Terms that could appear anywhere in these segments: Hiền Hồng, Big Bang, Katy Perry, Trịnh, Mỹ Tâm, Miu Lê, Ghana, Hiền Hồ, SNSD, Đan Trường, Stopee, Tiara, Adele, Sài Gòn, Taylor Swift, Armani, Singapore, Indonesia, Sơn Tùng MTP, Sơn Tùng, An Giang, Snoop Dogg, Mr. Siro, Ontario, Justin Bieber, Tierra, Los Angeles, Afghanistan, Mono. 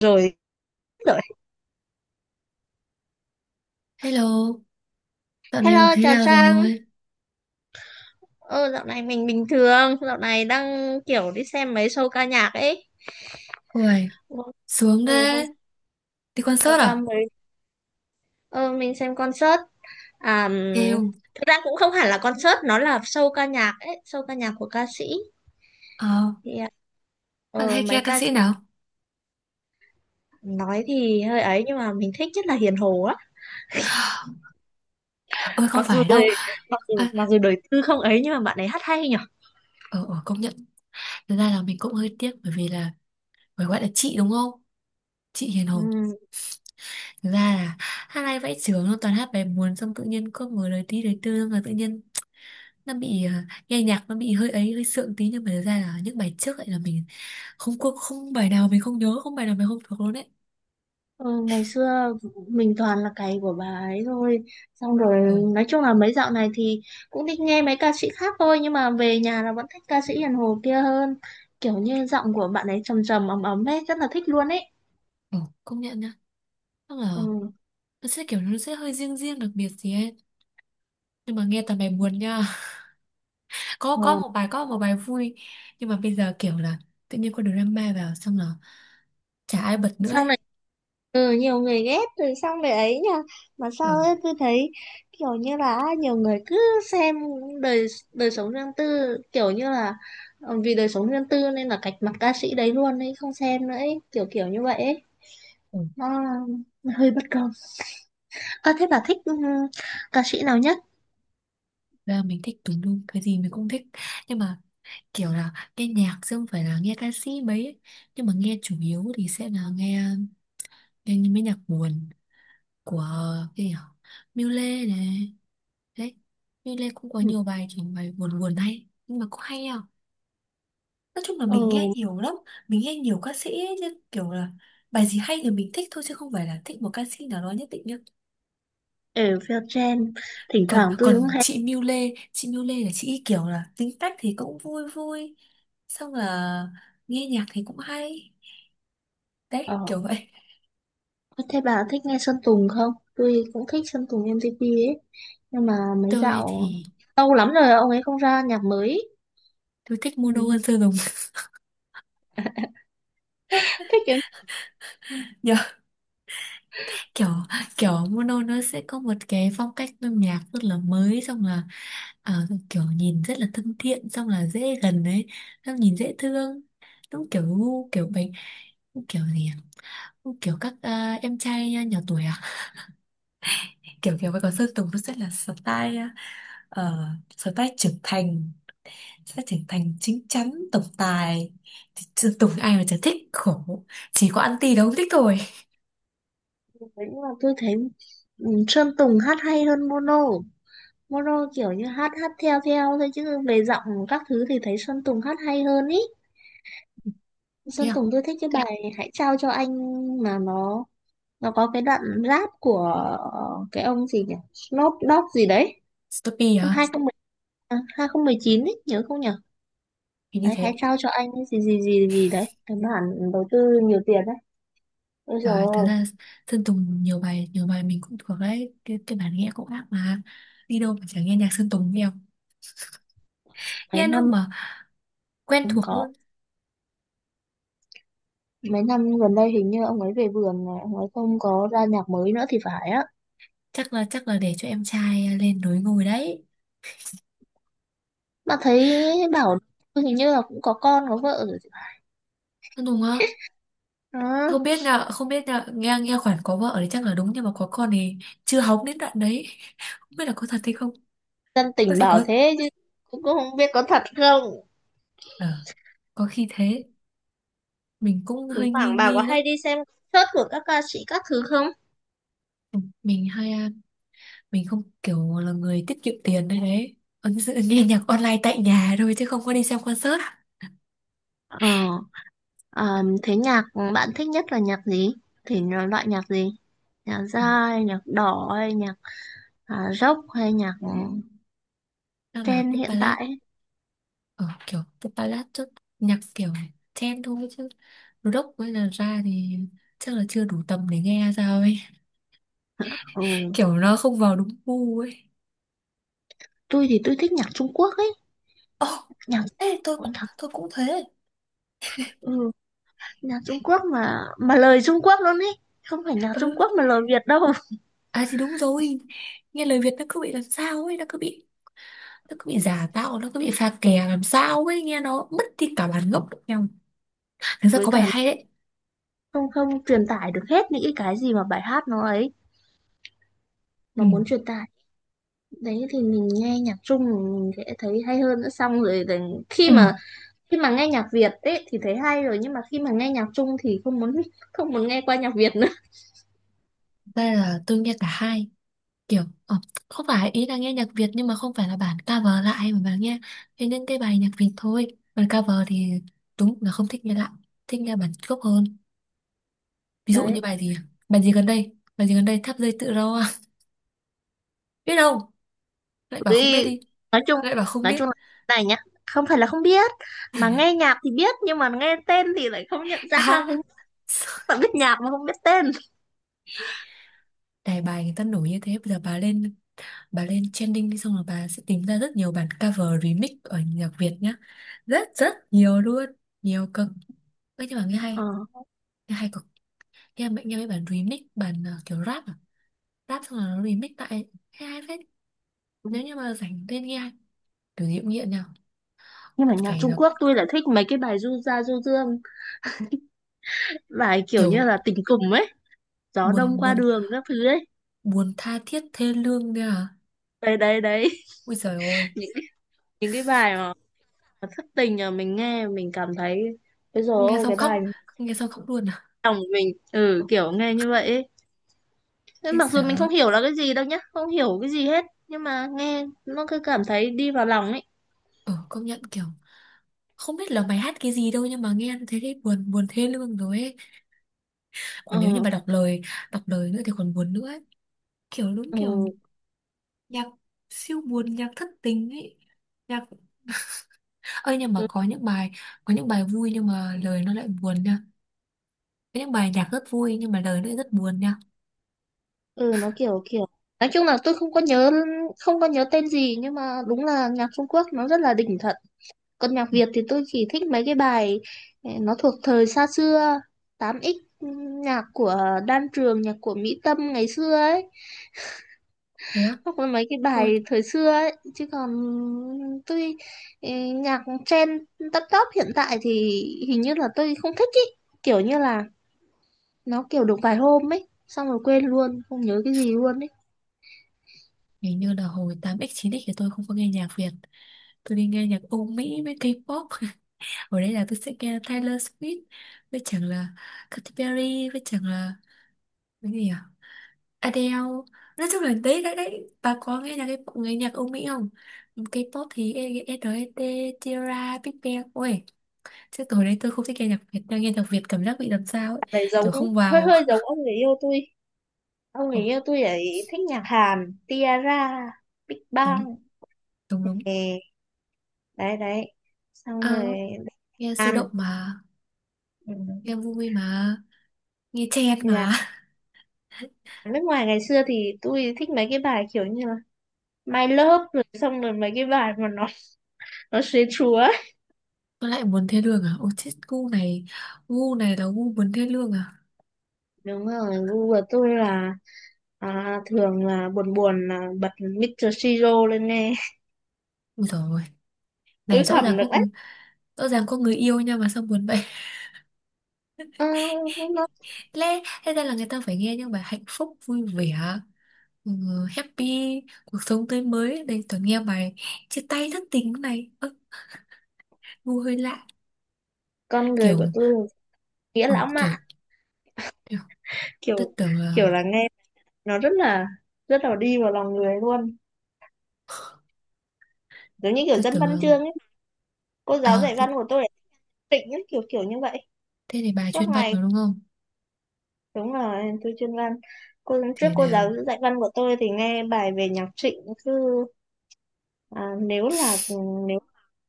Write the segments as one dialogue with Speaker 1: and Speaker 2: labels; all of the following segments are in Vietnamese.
Speaker 1: Rồi. Rồi.
Speaker 2: Hello, dạo này
Speaker 1: Hello,
Speaker 2: thế
Speaker 1: chào
Speaker 2: nào
Speaker 1: Trang.
Speaker 2: rồi?
Speaker 1: Ờ Dạo này mình bình thường, dạo này đang kiểu đi xem mấy show ca nhạc ấy.
Speaker 2: Uầy, sướng
Speaker 1: Ừ, hôm
Speaker 2: đấy. Đi
Speaker 1: vừa
Speaker 2: concert
Speaker 1: qua
Speaker 2: à?
Speaker 1: mới ờ mình xem concert. À,
Speaker 2: Yêu.
Speaker 1: thực ra cũng không hẳn là concert, nó là show ca nhạc ấy, show ca nhạc của ca sĩ.
Speaker 2: Ờ,
Speaker 1: Thì à,
Speaker 2: bạn
Speaker 1: ờ
Speaker 2: hay nghe
Speaker 1: Mấy
Speaker 2: ca
Speaker 1: ca sĩ
Speaker 2: sĩ nào?
Speaker 1: nói thì hơi ấy nhưng mà mình thích nhất là Hiền Hồ á.
Speaker 2: Ôi không
Speaker 1: mặc dù
Speaker 2: phải
Speaker 1: đời
Speaker 2: đâu.
Speaker 1: Mặc dù
Speaker 2: À,
Speaker 1: đời tư không ấy nhưng mà bạn ấy hát hay nhỉ.
Speaker 2: ờ, ờ, công nhận. Thực ra là mình cũng hơi tiếc bởi vì là phải gọi là chị đúng không? Chị Hiền Hồng. Thực ra là hát hay vãi chưởng luôn, toàn hát bài buồn xong tự nhiên cứ mở lời tí lời tư xong rồi tự nhiên nó bị nghe nhạc nó bị hơi ấy hơi sượng tí, nhưng mà thực ra là những bài trước lại là mình không có, không bài nào mình không nhớ, không bài nào mình không thuộc luôn đấy.
Speaker 1: Ừ, ngày xưa mình toàn là cày của bà ấy thôi, xong rồi
Speaker 2: Ờ,
Speaker 1: nói chung là mấy dạo này thì cũng thích nghe mấy ca sĩ khác thôi nhưng mà về nhà là vẫn thích ca sĩ Hiền Hồ kia hơn, kiểu như giọng của bạn ấy trầm trầm ấm ấm ấy, rất là thích luôn ấy.
Speaker 2: ờ, công nhận nhá. Tức là
Speaker 1: Ừ.
Speaker 2: nó sẽ kiểu nó sẽ hơi riêng riêng đặc biệt gì ấy, nhưng mà nghe toàn bài buồn nha. Có
Speaker 1: Ờ,
Speaker 2: một bài, có một bài vui, nhưng mà bây giờ kiểu là tự nhiên có drama vào xong là chả ai bật nữa
Speaker 1: xong
Speaker 2: ấy.
Speaker 1: rồi, ừ, nhiều người ghét rồi xong về ấy nha. Mà sao
Speaker 2: Ừ.
Speaker 1: ấy cứ thấy kiểu như là nhiều người cứ xem đời, sống riêng tư, kiểu như là ừ, vì đời sống riêng tư nên là cạch mặt ca sĩ đấy luôn ấy, không xem nữa ấy, kiểu kiểu như vậy ấy.
Speaker 2: Ừ.
Speaker 1: Nó hơi bất công. À, thế bà thích, ca sĩ nào nhất?
Speaker 2: Ra mình thích tùm lum, cái gì mình cũng thích, nhưng mà kiểu là nghe nhạc chứ không phải là nghe ca sĩ mấy ấy. Nhưng mà nghe chủ yếu thì sẽ là nghe nghe những mấy nhạc buồn của cái gì nhở? Miu Lê này, đấy, Miu Lê cũng có
Speaker 1: Ừ.
Speaker 2: nhiều bài kiểu bài buồn buồn hay, nhưng mà cũng hay à. Nói chung là mình nghe
Speaker 1: Ừ,
Speaker 2: nhiều lắm. Mình nghe nhiều ca sĩ ấy, nhưng kiểu là bài gì hay thì mình thích thôi chứ không phải là thích một ca sĩ nào đó nhất định nhá.
Speaker 1: ở Vietgen, thỉnh
Speaker 2: Còn
Speaker 1: thoảng tôi cũng
Speaker 2: còn
Speaker 1: hay...
Speaker 2: chị Miu Lê, chị Miu Lê là chị ý kiểu là tính cách thì cũng vui vui. Xong là nghe nhạc thì cũng hay.
Speaker 1: Ờ.
Speaker 2: Đấy kiểu vậy.
Speaker 1: Thế bà thích nghe Sơn Tùng không? Tôi cũng thích Sơn Tùng MTP ấy. Nhưng mà mấy
Speaker 2: Tôi
Speaker 1: dạo...
Speaker 2: thì
Speaker 1: Lâu lắm rồi ông ấy không ra nhạc mới.
Speaker 2: tôi thích Mono
Speaker 1: Ừ.
Speaker 2: hơn Sơn Tùng.
Speaker 1: Thích cái
Speaker 2: Kiểu, kiểu Mono nó sẽ có một cái phong cách âm nhạc rất là mới, xong là kiểu nhìn rất là thân thiện, xong là dễ gần đấy, xong nhìn dễ thương, đúng kiểu gu kiểu bánh kiểu gì à? Kiểu các em trai nhỏ tuổi à, kiểu kiểu vậy. Còn Sơn Tùng nó sẽ là style, style trưởng thành, sẽ trưởng thành chín chắn tổng tài, thì Sơn Tùng ai mà chả thích khổ, chỉ có anti đâu không thích thôi.
Speaker 1: kiểu đấy, nhưng mà tôi thấy, ừ, Sơn Tùng hát hay hơn Mono. Mono kiểu như hát hát theo theo thôi chứ về giọng các thứ thì thấy Sơn Tùng hát hay hơn ý.
Speaker 2: Thế
Speaker 1: Sơn
Speaker 2: à?
Speaker 1: Tùng tôi thích cái bài Hãy trao cho anh, mà nó có cái đoạn rap của, cái ông gì nhỉ, Snoop Dogg gì đấy,
Speaker 2: Stopee
Speaker 1: năm
Speaker 2: à?
Speaker 1: 2010, à, 2019 ấy nhớ không nhỉ.
Speaker 2: Hình như
Speaker 1: Đấy,
Speaker 2: thế.
Speaker 1: hãy trao cho anh ấy gì gì gì gì đấy, cái bản đầu tư nhiều tiền đấy. Ôi trời
Speaker 2: Trời, thực
Speaker 1: ơi.
Speaker 2: ra Sơn Tùng nhiều bài, nhiều bài mình cũng thuộc đấy, cái bản nghe cũng ác mà. Đi đâu mà chẳng nghe nhạc Sơn Tùng, nhiều
Speaker 1: Mấy
Speaker 2: nghe lúc
Speaker 1: năm
Speaker 2: mà quen
Speaker 1: không
Speaker 2: thuộc
Speaker 1: có
Speaker 2: luôn.
Speaker 1: Mấy năm gần đây hình như ông ấy về vườn này, ông ấy không có ra nhạc mới nữa thì phải á.
Speaker 2: Chắc là, chắc là để cho em trai lên núi ngồi đấy.
Speaker 1: Mà thấy bảo hình như là cũng có con có vợ rồi thì phải.
Speaker 2: Sơn Tùng á,
Speaker 1: Đó.
Speaker 2: không biết là, không biết là nghe nghe khoản có vợ thì chắc là đúng, nhưng mà có con thì chưa hóng đến đoạn đấy. Không biết là có thật hay không.
Speaker 1: Dân
Speaker 2: Có
Speaker 1: tình
Speaker 2: thể
Speaker 1: bảo
Speaker 2: có.
Speaker 1: thế chứ cũng cũng không biết có thật không.
Speaker 2: Ờ, có khi thế. Mình cũng
Speaker 1: Thỉnh
Speaker 2: hơi nghi
Speaker 1: thoảng bà có
Speaker 2: nghi lắm.
Speaker 1: hay đi xem concert của các ca sĩ các thứ không?
Speaker 2: Ừ, mình hay mình không kiểu là người tiết kiệm tiền đấy đấy. Ấn dự nghe nhạc online tại nhà thôi chứ không có đi xem concert.
Speaker 1: Ờ, ờ, thế nhạc bạn thích nhất là nhạc gì? Thì nó loại nhạc gì? Nhạc
Speaker 2: Ừ,
Speaker 1: jazz, hay nhạc đỏ, hay nhạc, rock, hay nhạc,
Speaker 2: chắc là
Speaker 1: trend
Speaker 2: pop
Speaker 1: hiện tại
Speaker 2: ballad.
Speaker 1: ấy?
Speaker 2: Ờ, kiểu pop ballad chút, nhạc kiểu chen thôi chứ rock với là ra thì chắc là chưa đủ tầm để nghe sao ấy,
Speaker 1: Ừ,
Speaker 2: kiểu nó không vào đúng gu ấy.
Speaker 1: tôi thì tôi thích nhạc Trung Quốc ấy.
Speaker 2: Ồ,
Speaker 1: Nhạc,
Speaker 2: ê tôi
Speaker 1: Ôi,
Speaker 2: cũng tôi cũng thế.
Speaker 1: ừ, nhạc Trung Quốc mà lời Trung Quốc luôn ấy. Không phải nhạc Trung
Speaker 2: Ừ,
Speaker 1: Quốc mà lời Việt đâu.
Speaker 2: à thì đúng rồi. Nghe lời Việt nó cứ bị làm sao ấy, nó cứ bị, nó cứ bị giả tạo, nó cứ bị pha kè làm sao ấy, nghe nó mất đi cả bản gốc lẫn nhau. Thực ra
Speaker 1: Với
Speaker 2: có bài
Speaker 1: cả
Speaker 2: hay đấy.
Speaker 1: không không truyền tải được hết những cái gì mà bài hát nó ấy, nó
Speaker 2: Ừ.
Speaker 1: muốn truyền tải. Đấy thì mình nghe nhạc Trung mình sẽ thấy hay hơn nữa. Xong rồi thì khi
Speaker 2: Ừ.
Speaker 1: mà khi mà nghe nhạc Việt ấy thì thấy hay rồi nhưng mà khi mà nghe nhạc Trung thì không muốn không muốn nghe qua nhạc Việt nữa.
Speaker 2: Đây là tôi nghe cả hai. Kiểu, ờ, không phải ý là nghe nhạc Việt, nhưng mà không phải là bản cover lại mà bà nghe, nghe những cái bài nhạc Việt thôi. Bản cover thì đúng là không thích nghe lại. Thích nghe bản gốc hơn. Ví dụ như
Speaker 1: Đấy,
Speaker 2: bài gì à? Bài gì gần đây? Bài gì gần đây? Tháp dây tự do. Biết đâu? Lại
Speaker 1: vì
Speaker 2: bảo không biết đi.
Speaker 1: nói chung
Speaker 2: Lại bảo không
Speaker 1: nói
Speaker 2: biết.
Speaker 1: chung là thế này nhá, không phải là không biết mà nghe nhạc thì biết nhưng mà nghe tên thì lại không nhận ra, không phải biết nhạc mà không biết tên.
Speaker 2: À, đài bài người ta nổi như thế. Bây giờ bà lên, bà lên trending đi xong rồi bà sẽ tìm ra rất nhiều bản cover remix ở nhạc Việt nhá. Rất rất nhiều luôn. Nhiều cực. Ê, nhưng mà nghe
Speaker 1: Ờ.
Speaker 2: hay, nghe hay cực. Nghe mẹ nghe mấy bản remix bản kiểu rap à, rap xong rồi nó remix tại nghe hay phết. Nếu như mà rảnh lên nghe kiểu gì cũng nghiện nào.
Speaker 1: Nhưng mà nhạc
Speaker 2: Phải
Speaker 1: Trung
Speaker 2: là
Speaker 1: Quốc tôi lại thích mấy cái bài du gia du dương, bài kiểu như
Speaker 2: kiểu
Speaker 1: là tình cùng ấy, gió đông
Speaker 2: buồn
Speaker 1: qua
Speaker 2: buồn,
Speaker 1: đường các thứ ấy.
Speaker 2: buồn tha thiết thê lương nha à.
Speaker 1: Đấy đấy đấy.
Speaker 2: Ui giời ơi.
Speaker 1: những những cái bài mà thất tình mà mình nghe mình cảm thấy, bây giờ
Speaker 2: Nghe
Speaker 1: ôi
Speaker 2: xong
Speaker 1: cái
Speaker 2: khóc,
Speaker 1: bài
Speaker 2: nghe xong khóc luôn à.
Speaker 1: lòng mình, ừ kiểu nghe như vậy ấy. Thế
Speaker 2: Thế
Speaker 1: mặc dù mình
Speaker 2: sợ.
Speaker 1: không hiểu là cái gì đâu nhá, không hiểu cái gì hết nhưng mà nghe nó cứ cảm thấy đi vào lòng ấy.
Speaker 2: Ờ công nhận, kiểu không biết là mày hát cái gì đâu, nhưng mà nghe thấy thấy buồn buồn thê lương rồi ấy. Còn nếu như
Speaker 1: Ờ.
Speaker 2: mà đọc lời, đọc lời nữa thì còn buồn nữa ấy. Kiểu đúng kiểu
Speaker 1: Ừ,
Speaker 2: nhạc siêu buồn, nhạc thất tình ấy, nhạc. Ơi nhưng mà
Speaker 1: ừ,
Speaker 2: có những bài, có những bài vui nhưng mà lời nó lại buồn nha. Có những bài nhạc rất vui nhưng mà lời nó lại rất buồn nha.
Speaker 1: ừ, nó kiểu kiểu, nói chung là tôi không có nhớ, tên gì nhưng mà đúng là nhạc Trung Quốc nó rất là đỉnh thật. Còn nhạc
Speaker 2: Ừ,
Speaker 1: Việt thì tôi chỉ thích mấy cái bài, nó thuộc thời xa xưa, 8x, nhạc của Đan Trường, nhạc của Mỹ Tâm ngày xưa ấy.
Speaker 2: thế á?
Speaker 1: Hoặc là mấy cái
Speaker 2: Ôi,
Speaker 1: bài thời xưa ấy chứ còn tôi, ừ, nhạc trend, top top hiện tại thì hình như là tôi không thích ý, kiểu như là nó kiểu được vài hôm ấy xong rồi quên luôn không nhớ cái gì luôn ấy.
Speaker 2: hình như là hồi 8x 9x thì tôi không có nghe nhạc Việt. Tôi đi nghe nhạc Âu Mỹ với K-pop. Ở đây là tôi sẽ nghe Taylor Swift với chẳng là Katy Perry với chẳng là cái gì à? Adele. Nói chung là đấy đấy đấy. Bà có nghe nhạc K-pop, nghe nhạc Âu Mỹ không? K-pop thì e SNSD, Tierra, Big Bang. Ôi, chứ tối đấy tôi không thích nghe nhạc Việt, đang nghe nhạc Việt cảm giác bị làm sao ấy,
Speaker 1: Bạn ấy giống,
Speaker 2: kiểu không
Speaker 1: hơi
Speaker 2: vào.
Speaker 1: hơi giống ông người yêu tôi, ông người
Speaker 2: Ồ,
Speaker 1: yêu tôi ấy thích nhạc Hàn, Tiara, Big
Speaker 2: đúng
Speaker 1: Bang.
Speaker 2: đúng đúng.
Speaker 1: Ừ, đấy đấy, xong rồi
Speaker 2: Ờ, nghe sôi động
Speaker 1: Hàn,
Speaker 2: mà,
Speaker 1: ừ.
Speaker 2: nghe vui mà, nghe chen mà.
Speaker 1: Nhạc nước ngoài ngày xưa thì tôi thích mấy cái bài kiểu như là My Love, rồi xong rồi mấy cái bài mà nó sến chúa.
Speaker 2: Tôi lại muốn thê lương à, ôi chết gu này, gu này là gu muốn thê lương à.
Speaker 1: Đúng rồi, gu của tôi là, thường là buồn buồn là bật Mr. Siro lên nghe.
Speaker 2: Ui rồi,
Speaker 1: Tôi
Speaker 2: này rõ ràng
Speaker 1: thầm được
Speaker 2: có
Speaker 1: đấy.
Speaker 2: người-, rõ ràng có người yêu nha mà sao buồn vậy.
Speaker 1: Ờ, nó,
Speaker 2: Lẽ thế ra là người ta phải nghe những bài hạnh phúc vui vẻ, ừ, happy, cuộc sống tươi mới đây toàn nghe bài chia tay thất tình này. Ơ, gu hơi lạ,
Speaker 1: con người
Speaker 2: kiểu,
Speaker 1: của tôi nghĩa
Speaker 2: ừ,
Speaker 1: lãng
Speaker 2: kiểu.
Speaker 1: mạn, kiểu,
Speaker 2: Tôi tưởng
Speaker 1: kiểu
Speaker 2: là,
Speaker 1: là nghe nó rất là đi vào lòng người luôn, giống như kiểu
Speaker 2: tôi
Speaker 1: dân
Speaker 2: tưởng
Speaker 1: văn
Speaker 2: là,
Speaker 1: chương ấy. Cô giáo
Speaker 2: à
Speaker 1: dạy
Speaker 2: thế,
Speaker 1: văn của tôi là tịnh ấy, kiểu kiểu như vậy,
Speaker 2: thế thì bà
Speaker 1: suốt
Speaker 2: chuyên văn
Speaker 1: ngày.
Speaker 2: rồi đúng không?
Speaker 1: Đúng là tôi chuyên văn, cô trước
Speaker 2: Thế
Speaker 1: cô
Speaker 2: nào?
Speaker 1: giáo dạy văn của tôi thì nghe bài về nhạc Trịnh, cứ, à, nếu là nếu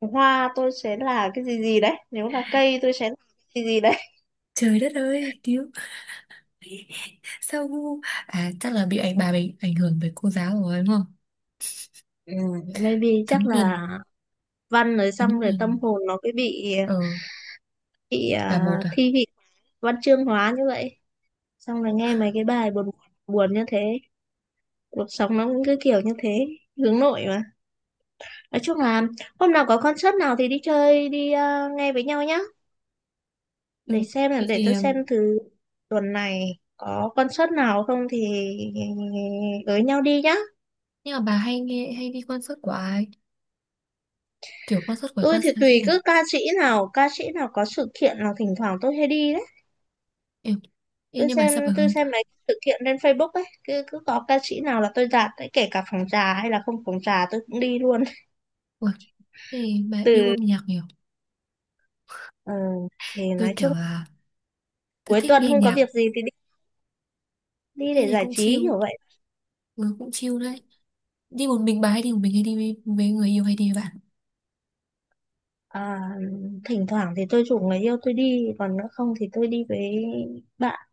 Speaker 1: hoa tôi sẽ là cái gì gì đấy, nếu là cây tôi sẽ là cái gì gì đấy.
Speaker 2: Trời đất ơi, cứu. Sao ngu? À chắc là bị ảnh bà bị ảnh hưởng bởi cô giáo rồi đúng không?
Speaker 1: Ừ, maybe
Speaker 2: Thấm
Speaker 1: chắc
Speaker 2: nhuần,
Speaker 1: là văn rồi,
Speaker 2: thấm
Speaker 1: xong rồi
Speaker 2: nhuần.
Speaker 1: tâm hồn nó cứ bị
Speaker 2: Ờ là một à?
Speaker 1: thi vị văn chương hóa như vậy, xong rồi nghe mấy cái bài buồn buồn như thế, cuộc sống nó cũng cứ kiểu như thế, hướng nội mà. Nói chung là hôm nào có concert nào thì đi chơi đi, nghe với nhau nhá, để
Speaker 2: Ừ.
Speaker 1: xem là,
Speaker 2: Thế
Speaker 1: để
Speaker 2: thì
Speaker 1: tôi xem thử tuần này có concert nào không thì với nhau đi nhá.
Speaker 2: nhưng mà bà hay nghe hay đi concert của ai? Kiểu concert của
Speaker 1: Tôi
Speaker 2: ca
Speaker 1: thì
Speaker 2: sĩ ca
Speaker 1: tùy,
Speaker 2: nào?
Speaker 1: cứ ca sĩ nào có sự kiện là thỉnh thoảng tôi hay đi đấy.
Speaker 2: Em. Ê, nhưng mà sao bà
Speaker 1: Tôi
Speaker 2: Hương?
Speaker 1: xem mấy sự kiện trên Facebook ấy, cứ cứ có ca sĩ nào là tôi dạt, đấy, kể cả phòng trà hay là không phòng trà tôi cũng đi luôn.
Speaker 2: Ủa, thế thì bà yêu âm
Speaker 1: Từ
Speaker 2: nhạc nhiều.
Speaker 1: ờ, thì
Speaker 2: Tôi
Speaker 1: nói
Speaker 2: kiểu
Speaker 1: chung
Speaker 2: là tôi
Speaker 1: cuối
Speaker 2: thích
Speaker 1: tuần
Speaker 2: nghe
Speaker 1: không có
Speaker 2: nhạc,
Speaker 1: việc gì thì đi đi
Speaker 2: thế
Speaker 1: để
Speaker 2: thì
Speaker 1: giải
Speaker 2: cũng
Speaker 1: trí
Speaker 2: chill,
Speaker 1: kiểu vậy.
Speaker 2: ừ, cũng chill đấy. Đi một mình, bà hay đi một mình hay đi với người yêu hay đi với bạn.
Speaker 1: À, thỉnh thoảng thì tôi rủ người yêu tôi đi, còn nữa không thì tôi đi với bạn,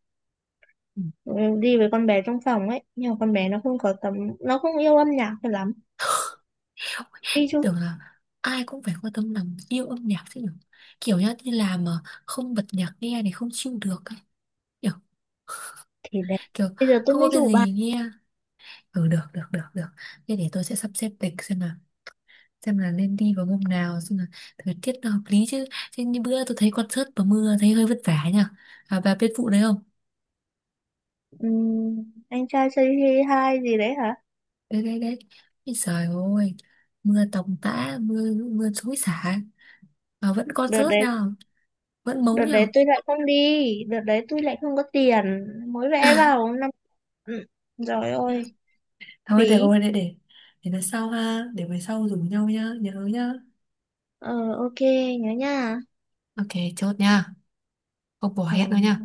Speaker 2: Ừ.
Speaker 1: ừ, đi với con bé trong phòng ấy. Nhưng mà con bé nó không có tấm, nó không yêu âm nhạc cho lắm.
Speaker 2: Ôi,
Speaker 1: Đi chung
Speaker 2: tưởng là ai cũng phải quan tâm làm yêu âm nhạc chứ nhỉ, kiểu nhá đi làm mà không bật nhạc nghe thì không chịu được ấy. Kiểu,
Speaker 1: thì đấy.
Speaker 2: kiểu
Speaker 1: Bây giờ tôi
Speaker 2: không có
Speaker 1: mới
Speaker 2: cái
Speaker 1: rủ.
Speaker 2: gì nghe. Ừ, được được được được, thế để tôi sẽ sắp xếp lịch xem là, xem là nên đi vào hôm nào, xem là thời tiết nó hợp lý chứ, chứ như bữa tôi thấy concert và mưa thấy hơi vất vả nhỉ. À, bà biết vụ đấy không?
Speaker 1: Anh Trai Say Hi 2 gì đấy hả?
Speaker 2: Đấy đấy đấy. Ôi trời ơi, mưa tầm tã, mưa mưa xối xả mà vẫn
Speaker 1: Đợt
Speaker 2: concert
Speaker 1: đấy,
Speaker 2: nha, vẫn mấu
Speaker 1: Đợt
Speaker 2: nhở.
Speaker 1: đấy tôi lại không đi, đợt đấy tôi lại không có tiền. Mới vẽ vào năm. Ừ. Rồi, ôi,
Speaker 2: Thôi được
Speaker 1: phí.
Speaker 2: rồi, để lần sau ha, để về sau rủ nhau nhá, nhớ nhá.
Speaker 1: Ờ, ok, nhớ nha.
Speaker 2: Ok, chốt nha. Không bỏ
Speaker 1: Ừ.
Speaker 2: hẹn đâu nha.